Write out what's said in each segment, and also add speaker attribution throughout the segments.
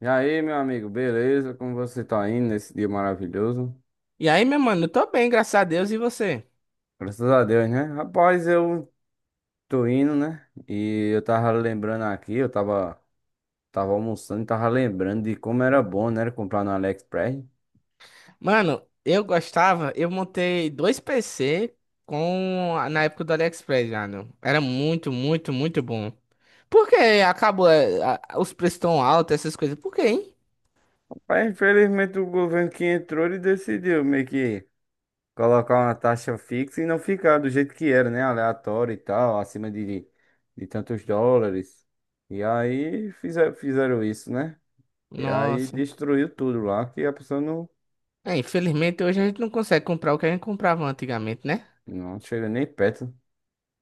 Speaker 1: E aí, meu amigo, beleza? Como você tá indo nesse dia maravilhoso?
Speaker 2: E aí, meu mano, eu tô bem, graças a Deus, e você?
Speaker 1: Graças a Deus, né? Rapaz, eu tô indo, né? E eu tava lembrando aqui, eu tava almoçando e tava lembrando de como era bom, né? Comprar no AliExpress.
Speaker 2: Mano, eu gostava, eu montei dois PC com na época do AliExpress já, né? Era muito, muito, muito bom. Por que acabou os preços tão altos, essas coisas? Por quê, hein?
Speaker 1: Mas infelizmente o governo que entrou, ele decidiu meio que colocar uma taxa fixa e não ficar do jeito que era, né? Aleatório e tal, acima de tantos dólares. E aí fizeram isso, né? E aí
Speaker 2: Nossa.
Speaker 1: destruiu tudo lá, que a pessoa não.
Speaker 2: É, infelizmente hoje a gente não consegue comprar o que a gente comprava antigamente, né?
Speaker 1: Não chega nem perto.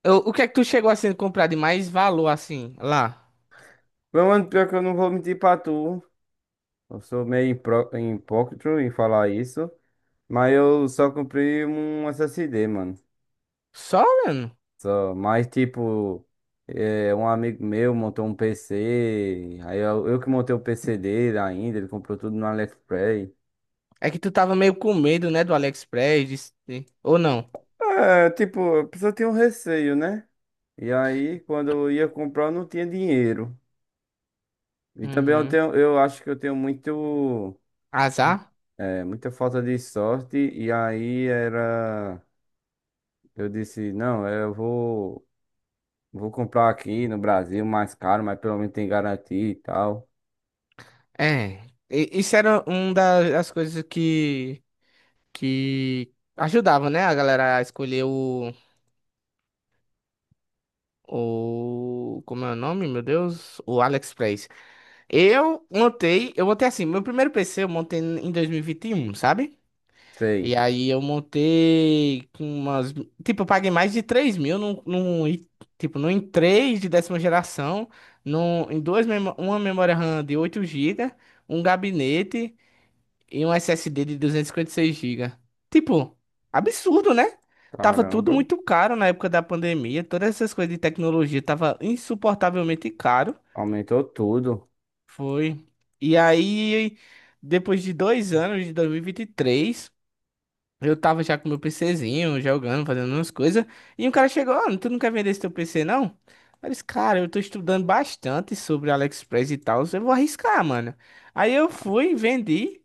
Speaker 2: O que é que tu chegou assim a comprar de mais valor assim lá?
Speaker 1: Meu mano, pior que eu não vou mentir pra tu. Eu sou meio hipócrita em falar isso. Mas eu só comprei um SSD, mano.
Speaker 2: Só, mano?
Speaker 1: Só, mas tipo, um amigo meu montou um PC. Aí eu que montei o PC dele ainda, ele comprou tudo no AliExpress.
Speaker 2: É que tu tava meio com medo, né, do AliExpress, ou não?
Speaker 1: É, tipo, a pessoa tem um receio, né? E aí, quando eu ia comprar, eu não tinha dinheiro. E também eu
Speaker 2: Uhum.
Speaker 1: tenho, eu acho que eu tenho muito.
Speaker 2: Azar?
Speaker 1: É, muita falta de sorte. E aí era. Eu disse, não, é, eu vou comprar aqui no Brasil mais caro, mas pelo menos tem garantia e tal.
Speaker 2: É, isso era uma das coisas que ajudava, né, a galera a escolher o, como é o nome, meu Deus? O AliExpress. Eu montei assim, meu primeiro PC eu montei em dois mil e vinte e um, sabe? E
Speaker 1: Sei.
Speaker 2: aí eu montei com umas, tipo, eu paguei mais de 3 mil num i3 de 10ª geração, num, em duas, memo- uma memória RAM de 8 GB, um gabinete, e um SSD de duzentos e cinquenta e seis GB. Tipo, absurdo, né? Tava tudo
Speaker 1: Caramba.
Speaker 2: muito caro na época da pandemia, todas essas coisas de tecnologia tava insuportavelmente caro.
Speaker 1: Aumentou tudo.
Speaker 2: Foi. E aí, depois de 2 anos, de dois mil e vinte e três eu tava já com meu PCzinho, jogando, fazendo umas coisas. E um cara chegou, ó, tu não quer vender esse teu PC, não? Eu disse, cara, eu tô estudando bastante sobre AliExpress e tal, eu vou arriscar, mano. Aí eu fui, vendi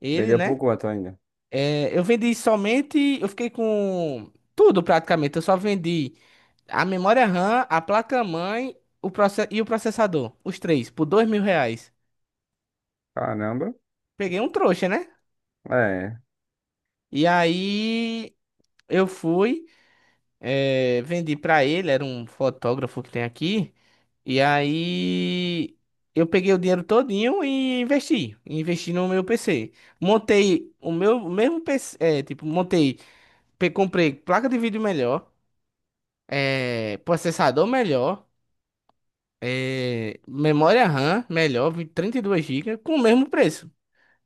Speaker 2: ele,
Speaker 1: Vendeu por
Speaker 2: né?
Speaker 1: quanto ainda?
Speaker 2: É, eu vendi somente. Eu fiquei com tudo praticamente. Eu só vendi a memória RAM, a placa-mãe e o processador. Os três, por R$ 2.000.
Speaker 1: Caramba.
Speaker 2: Peguei um trouxa, né?
Speaker 1: É.
Speaker 2: E aí eu fui, vendi pra ele, era um fotógrafo que tem aqui. E aí eu peguei o dinheiro todinho e investi. Investi no meu PC. Montei o meu o mesmo PC, montei, comprei placa de vídeo melhor, processador melhor, memória RAM melhor, 32 GB, com o mesmo preço.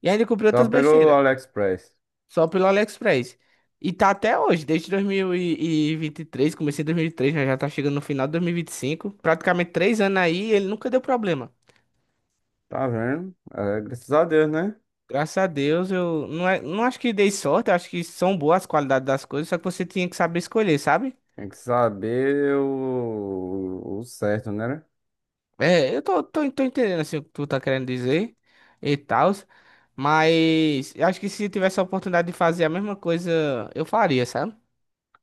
Speaker 2: E ainda comprei
Speaker 1: Só
Speaker 2: outras
Speaker 1: pelo
Speaker 2: besteiras,
Speaker 1: AliExpress.
Speaker 2: só pelo AliExpress. E tá até hoje, desde 2023, comecei em 2023, já já tá chegando no final de 2025, praticamente 3 anos aí, e ele nunca deu problema.
Speaker 1: Tá vendo? É, graças a Deus, né?
Speaker 2: Graças a Deus, eu não, é- não acho que dei sorte, eu acho que são boas as qualidades das coisas, só que você tinha que saber escolher, sabe?
Speaker 1: Tem que saber o certo, né?
Speaker 2: É, eu tô entendendo assim, o que tu tá querendo dizer e tal, mas eu acho que se tivesse a oportunidade de fazer a mesma coisa, eu faria, sabe?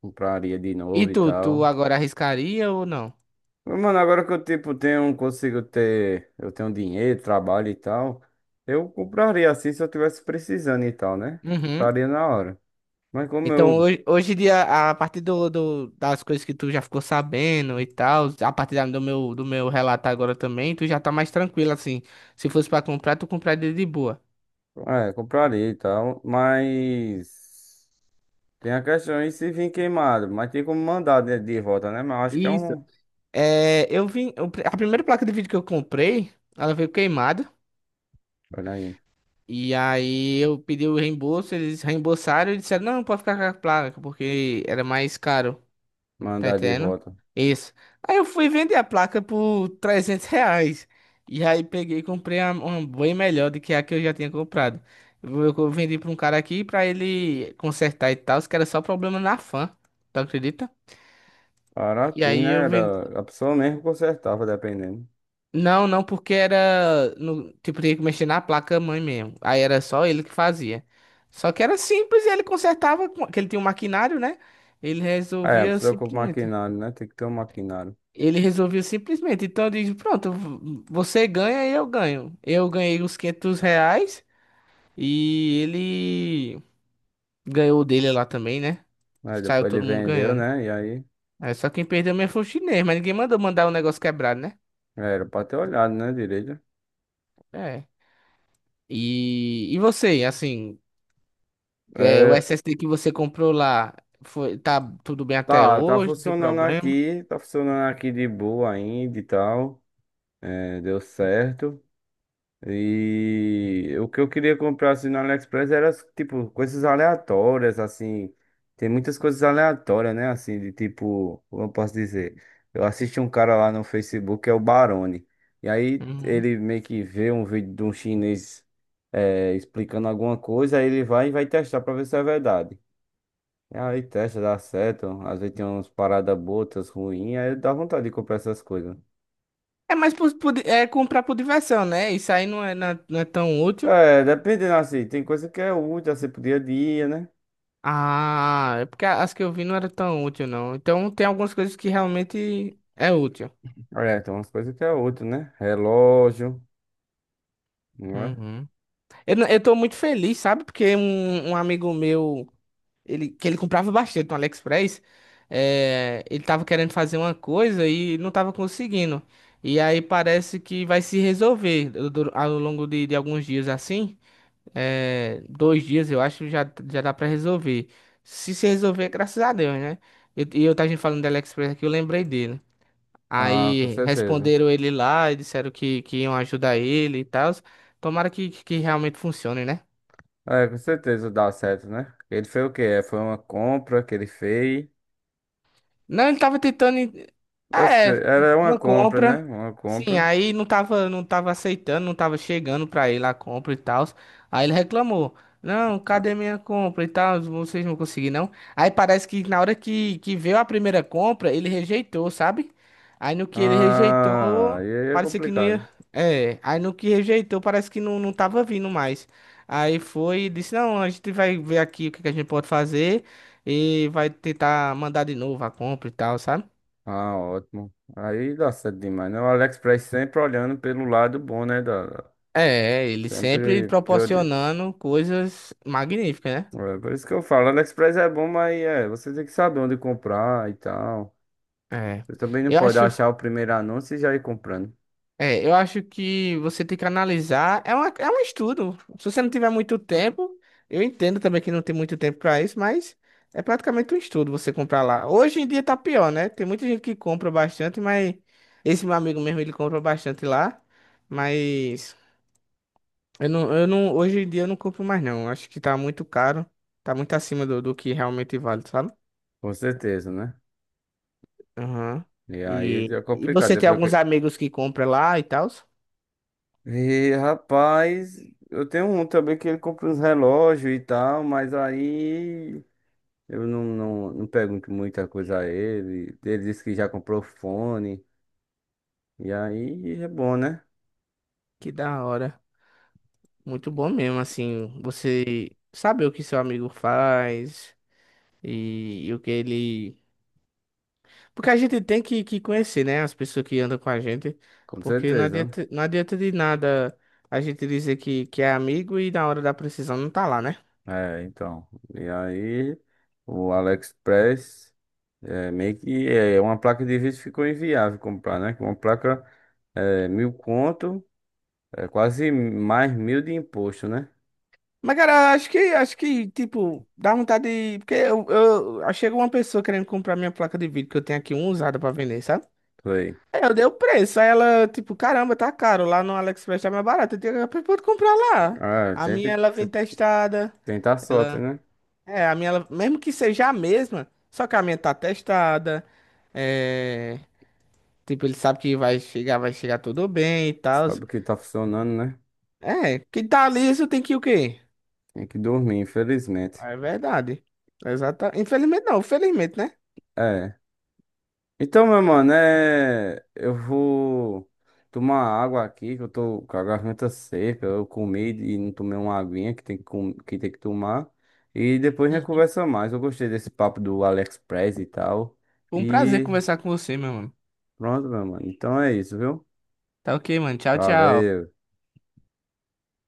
Speaker 1: Compraria de
Speaker 2: E
Speaker 1: novo e
Speaker 2: tu
Speaker 1: tal.
Speaker 2: agora arriscaria ou não?
Speaker 1: Mano, agora que eu, tipo, tenho, consigo ter, eu tenho dinheiro, trabalho e tal, eu compraria assim se eu tivesse precisando e tal, né?
Speaker 2: Uhum.
Speaker 1: Compraria na hora. Mas como
Speaker 2: Então,
Speaker 1: eu,
Speaker 2: hoje em dia, a partir do das coisas que tu já ficou sabendo e tal, a partir do meu relato agora também, tu já tá mais tranquilo, assim. Se fosse pra comprar, tu compraria de boa.
Speaker 1: é, compraria e tal, mas tem a questão de se vir queimado, mas tem como mandar de volta, né? Mas eu acho que é
Speaker 2: Isso.
Speaker 1: um,
Speaker 2: É, a primeira placa de vídeo que eu comprei, ela veio queimada.
Speaker 1: olha aí,
Speaker 2: E aí eu pedi o reembolso, eles reembolsaram e disseram, não, pode ficar com a placa, porque era mais caro, tá
Speaker 1: mandar de
Speaker 2: entendendo?
Speaker 1: volta.
Speaker 2: Isso. Aí eu fui vender a placa por R$ 300. E aí peguei e comprei uma bem melhor do que a que eu já tinha comprado. Eu vendi pra um cara aqui pra ele consertar e tal, que era só problema na fan, tu acredita? E
Speaker 1: Baratinho,
Speaker 2: aí
Speaker 1: né?
Speaker 2: eu
Speaker 1: Era, a pessoa mesmo consertava, dependendo.
Speaker 2: Não, não, porque era. No, Tipo, tinha que mexer na placa-mãe mesmo. Aí era só ele que fazia. Só que era simples, ele consertava, que ele tinha um maquinário, né? Ele
Speaker 1: É, a
Speaker 2: resolvia
Speaker 1: pessoa com o
Speaker 2: simplesmente.
Speaker 1: maquinário, né? Tem que ter um maquinário.
Speaker 2: Ele resolvia simplesmente. Então eu disse, pronto, você ganha e eu ganho. Eu ganhei os R$ 500 e ele ganhou o dele lá também, né?
Speaker 1: Aí
Speaker 2: Saiu
Speaker 1: depois ele
Speaker 2: todo mundo
Speaker 1: vendeu,
Speaker 2: ganhando.
Speaker 1: né? E aí...
Speaker 2: Aí só quem perdeu mesmo foi o chinês, mas ninguém mandou mandar o negócio quebrado, né?
Speaker 1: Era pra ter olhado, né, direito.
Speaker 2: É. E você, assim. É, o
Speaker 1: É,
Speaker 2: SSD que você comprou lá, foi, tá tudo bem até
Speaker 1: tá
Speaker 2: hoje? Deu
Speaker 1: funcionando
Speaker 2: problema?
Speaker 1: aqui, tá funcionando aqui de boa ainda e tal. É, deu certo. E o que eu queria comprar assim no AliExpress era tipo coisas aleatórias, assim. Tem muitas coisas aleatórias, né? Assim, de tipo, como eu posso dizer? Eu assisti um cara lá no Facebook, que é o Barone. E aí
Speaker 2: Uhum.
Speaker 1: ele meio que vê um vídeo de um chinês explicando alguma coisa, aí ele vai e vai testar pra ver se é verdade. E aí testa, dá certo. Às vezes tem umas paradas botas ruins, aí dá vontade de comprar essas coisas.
Speaker 2: É mais é comprar por diversão, né? Isso aí não é, não é tão útil.
Speaker 1: É, dependendo assim, tem coisa que é útil, assim, pro dia a dia, né?
Speaker 2: Ah, é porque as que eu vi não era tão útil, não. Então tem algumas coisas que realmente é útil.
Speaker 1: É, tem umas coisas que é útil, né? Relógio, não é?
Speaker 2: Uhum. Eu, não- eu tô muito feliz, sabe? Porque um amigo meu, ele, que ele comprava bastante no AliExpress, é, ele tava querendo fazer uma coisa e não tava conseguindo. E aí parece que vai se resolver ao longo de alguns dias assim. 2 dias eu acho, já já dá pra resolver. Se resolver, graças a Deus, né? E eu, tava gente falando do AliExpress aqui, eu lembrei dele.
Speaker 1: Ah, com
Speaker 2: Aí
Speaker 1: certeza.
Speaker 2: responderam ele lá e disseram que iam ajudar ele e tal. Tomara que realmente funcione, né?
Speaker 1: É, com certeza dá certo, né? Ele fez o quê? É, foi uma compra que ele fez.
Speaker 2: Não, ele tava tentando.
Speaker 1: Eu sei,
Speaker 2: É,
Speaker 1: era uma
Speaker 2: uma
Speaker 1: compra, né?
Speaker 2: compra.
Speaker 1: Uma
Speaker 2: Sim,
Speaker 1: compra.
Speaker 2: aí não tava aceitando, não tava chegando pra ele a compra e tal. Aí ele reclamou. Não, cadê minha compra e tal? Vocês não conseguiram, não. Aí parece que na hora que veio a primeira compra, ele rejeitou, sabe? Aí no que ele
Speaker 1: Ah, e
Speaker 2: rejeitou,
Speaker 1: aí é
Speaker 2: parecia que não
Speaker 1: complicado.
Speaker 2: ia. É, aí no que rejeitou, parece que não tava vindo mais. Aí foi e disse: Não, a gente vai ver aqui o que que a gente pode fazer e vai tentar mandar de novo a compra e tal, sabe?
Speaker 1: Ah, ótimo. Aí dá certo demais, né? O AliExpress sempre olhando pelo lado bom, né? Da,
Speaker 2: É, ele sempre
Speaker 1: sempre priori...
Speaker 2: proporcionando coisas magníficas, né?
Speaker 1: É, por isso que eu falo, AliExpress é bom, mas é, você tem que saber onde comprar e tal.
Speaker 2: É.
Speaker 1: Você também não
Speaker 2: Eu
Speaker 1: pode
Speaker 2: acho,
Speaker 1: achar o primeiro anúncio e já ir comprando.
Speaker 2: eu acho que você tem que analisar. É, é um estudo. Se você não tiver muito tempo, eu entendo também que não tem muito tempo pra isso, mas é praticamente um estudo você comprar lá. Hoje em dia tá pior, né? Tem muita gente que compra bastante, mas esse meu amigo mesmo, ele compra bastante lá. Mas eu não, hoje em dia eu não compro mais não. Acho que tá muito caro. Tá muito acima do que realmente vale, sabe?
Speaker 1: Com certeza, né?
Speaker 2: Aham.
Speaker 1: E aí
Speaker 2: E,
Speaker 1: é
Speaker 2: e
Speaker 1: complicado.
Speaker 2: você tem
Speaker 1: Depois que...
Speaker 2: alguns amigos que compra lá e tal?
Speaker 1: E rapaz, eu tenho um também que ele compra uns relógios e tal, mas aí eu não pergunto muita coisa a ele. Ele disse que já comprou fone. E aí é bom, né?
Speaker 2: Que da hora. Muito bom mesmo, assim, você saber o que seu amigo faz e o que ele. Porque a gente tem que conhecer, né? As pessoas que andam com a gente.
Speaker 1: Com
Speaker 2: Porque não
Speaker 1: certeza.
Speaker 2: adianta, não adianta de nada a gente dizer que é amigo e na hora da precisão não tá lá, né?
Speaker 1: É, então. E aí, o AliExpress é, meio que é, é uma placa de vídeo ficou inviável comprar, né? Que é uma placa é, mil conto, é quase mais mil de imposto, né?
Speaker 2: Mas, cara, acho que, tipo, dá vontade de... Porque aí chega uma pessoa querendo comprar minha placa de vídeo, que eu tenho aqui uma usada pra vender, sabe?
Speaker 1: Foi.
Speaker 2: Aí eu dei o preço, aí ela, tipo, caramba, tá caro, lá no AliExpress tá mais barato, eu tenho que pode comprar lá.
Speaker 1: Ah,
Speaker 2: A
Speaker 1: tem que
Speaker 2: minha, ela vem testada,
Speaker 1: tentar a sorte,
Speaker 2: ela...
Speaker 1: né?
Speaker 2: É, a minha, ela, mesmo que seja a mesma, só que a minha tá testada, é... Tipo, ele sabe que vai chegar tudo bem e tal.
Speaker 1: Sabe o que tá funcionando, né?
Speaker 2: É, que tá liso tem que o quê?
Speaker 1: Tem que dormir, infelizmente.
Speaker 2: É verdade. Exata. Infelizmente não, felizmente, né?
Speaker 1: É. Então, meu mano, é... eu vou tomar água aqui, que eu tô com a garganta seca. Eu comi e não tomei uma aguinha que tem que, que tem que tomar. E depois a gente
Speaker 2: Uhum.
Speaker 1: conversa mais. Eu gostei desse papo do AliExpress e tal.
Speaker 2: Foi um prazer
Speaker 1: E
Speaker 2: conversar com você, meu mano.
Speaker 1: pronto, meu mano. Então é isso, viu?
Speaker 2: Tá ok, mano. Tchau, tchau.
Speaker 1: Valeu.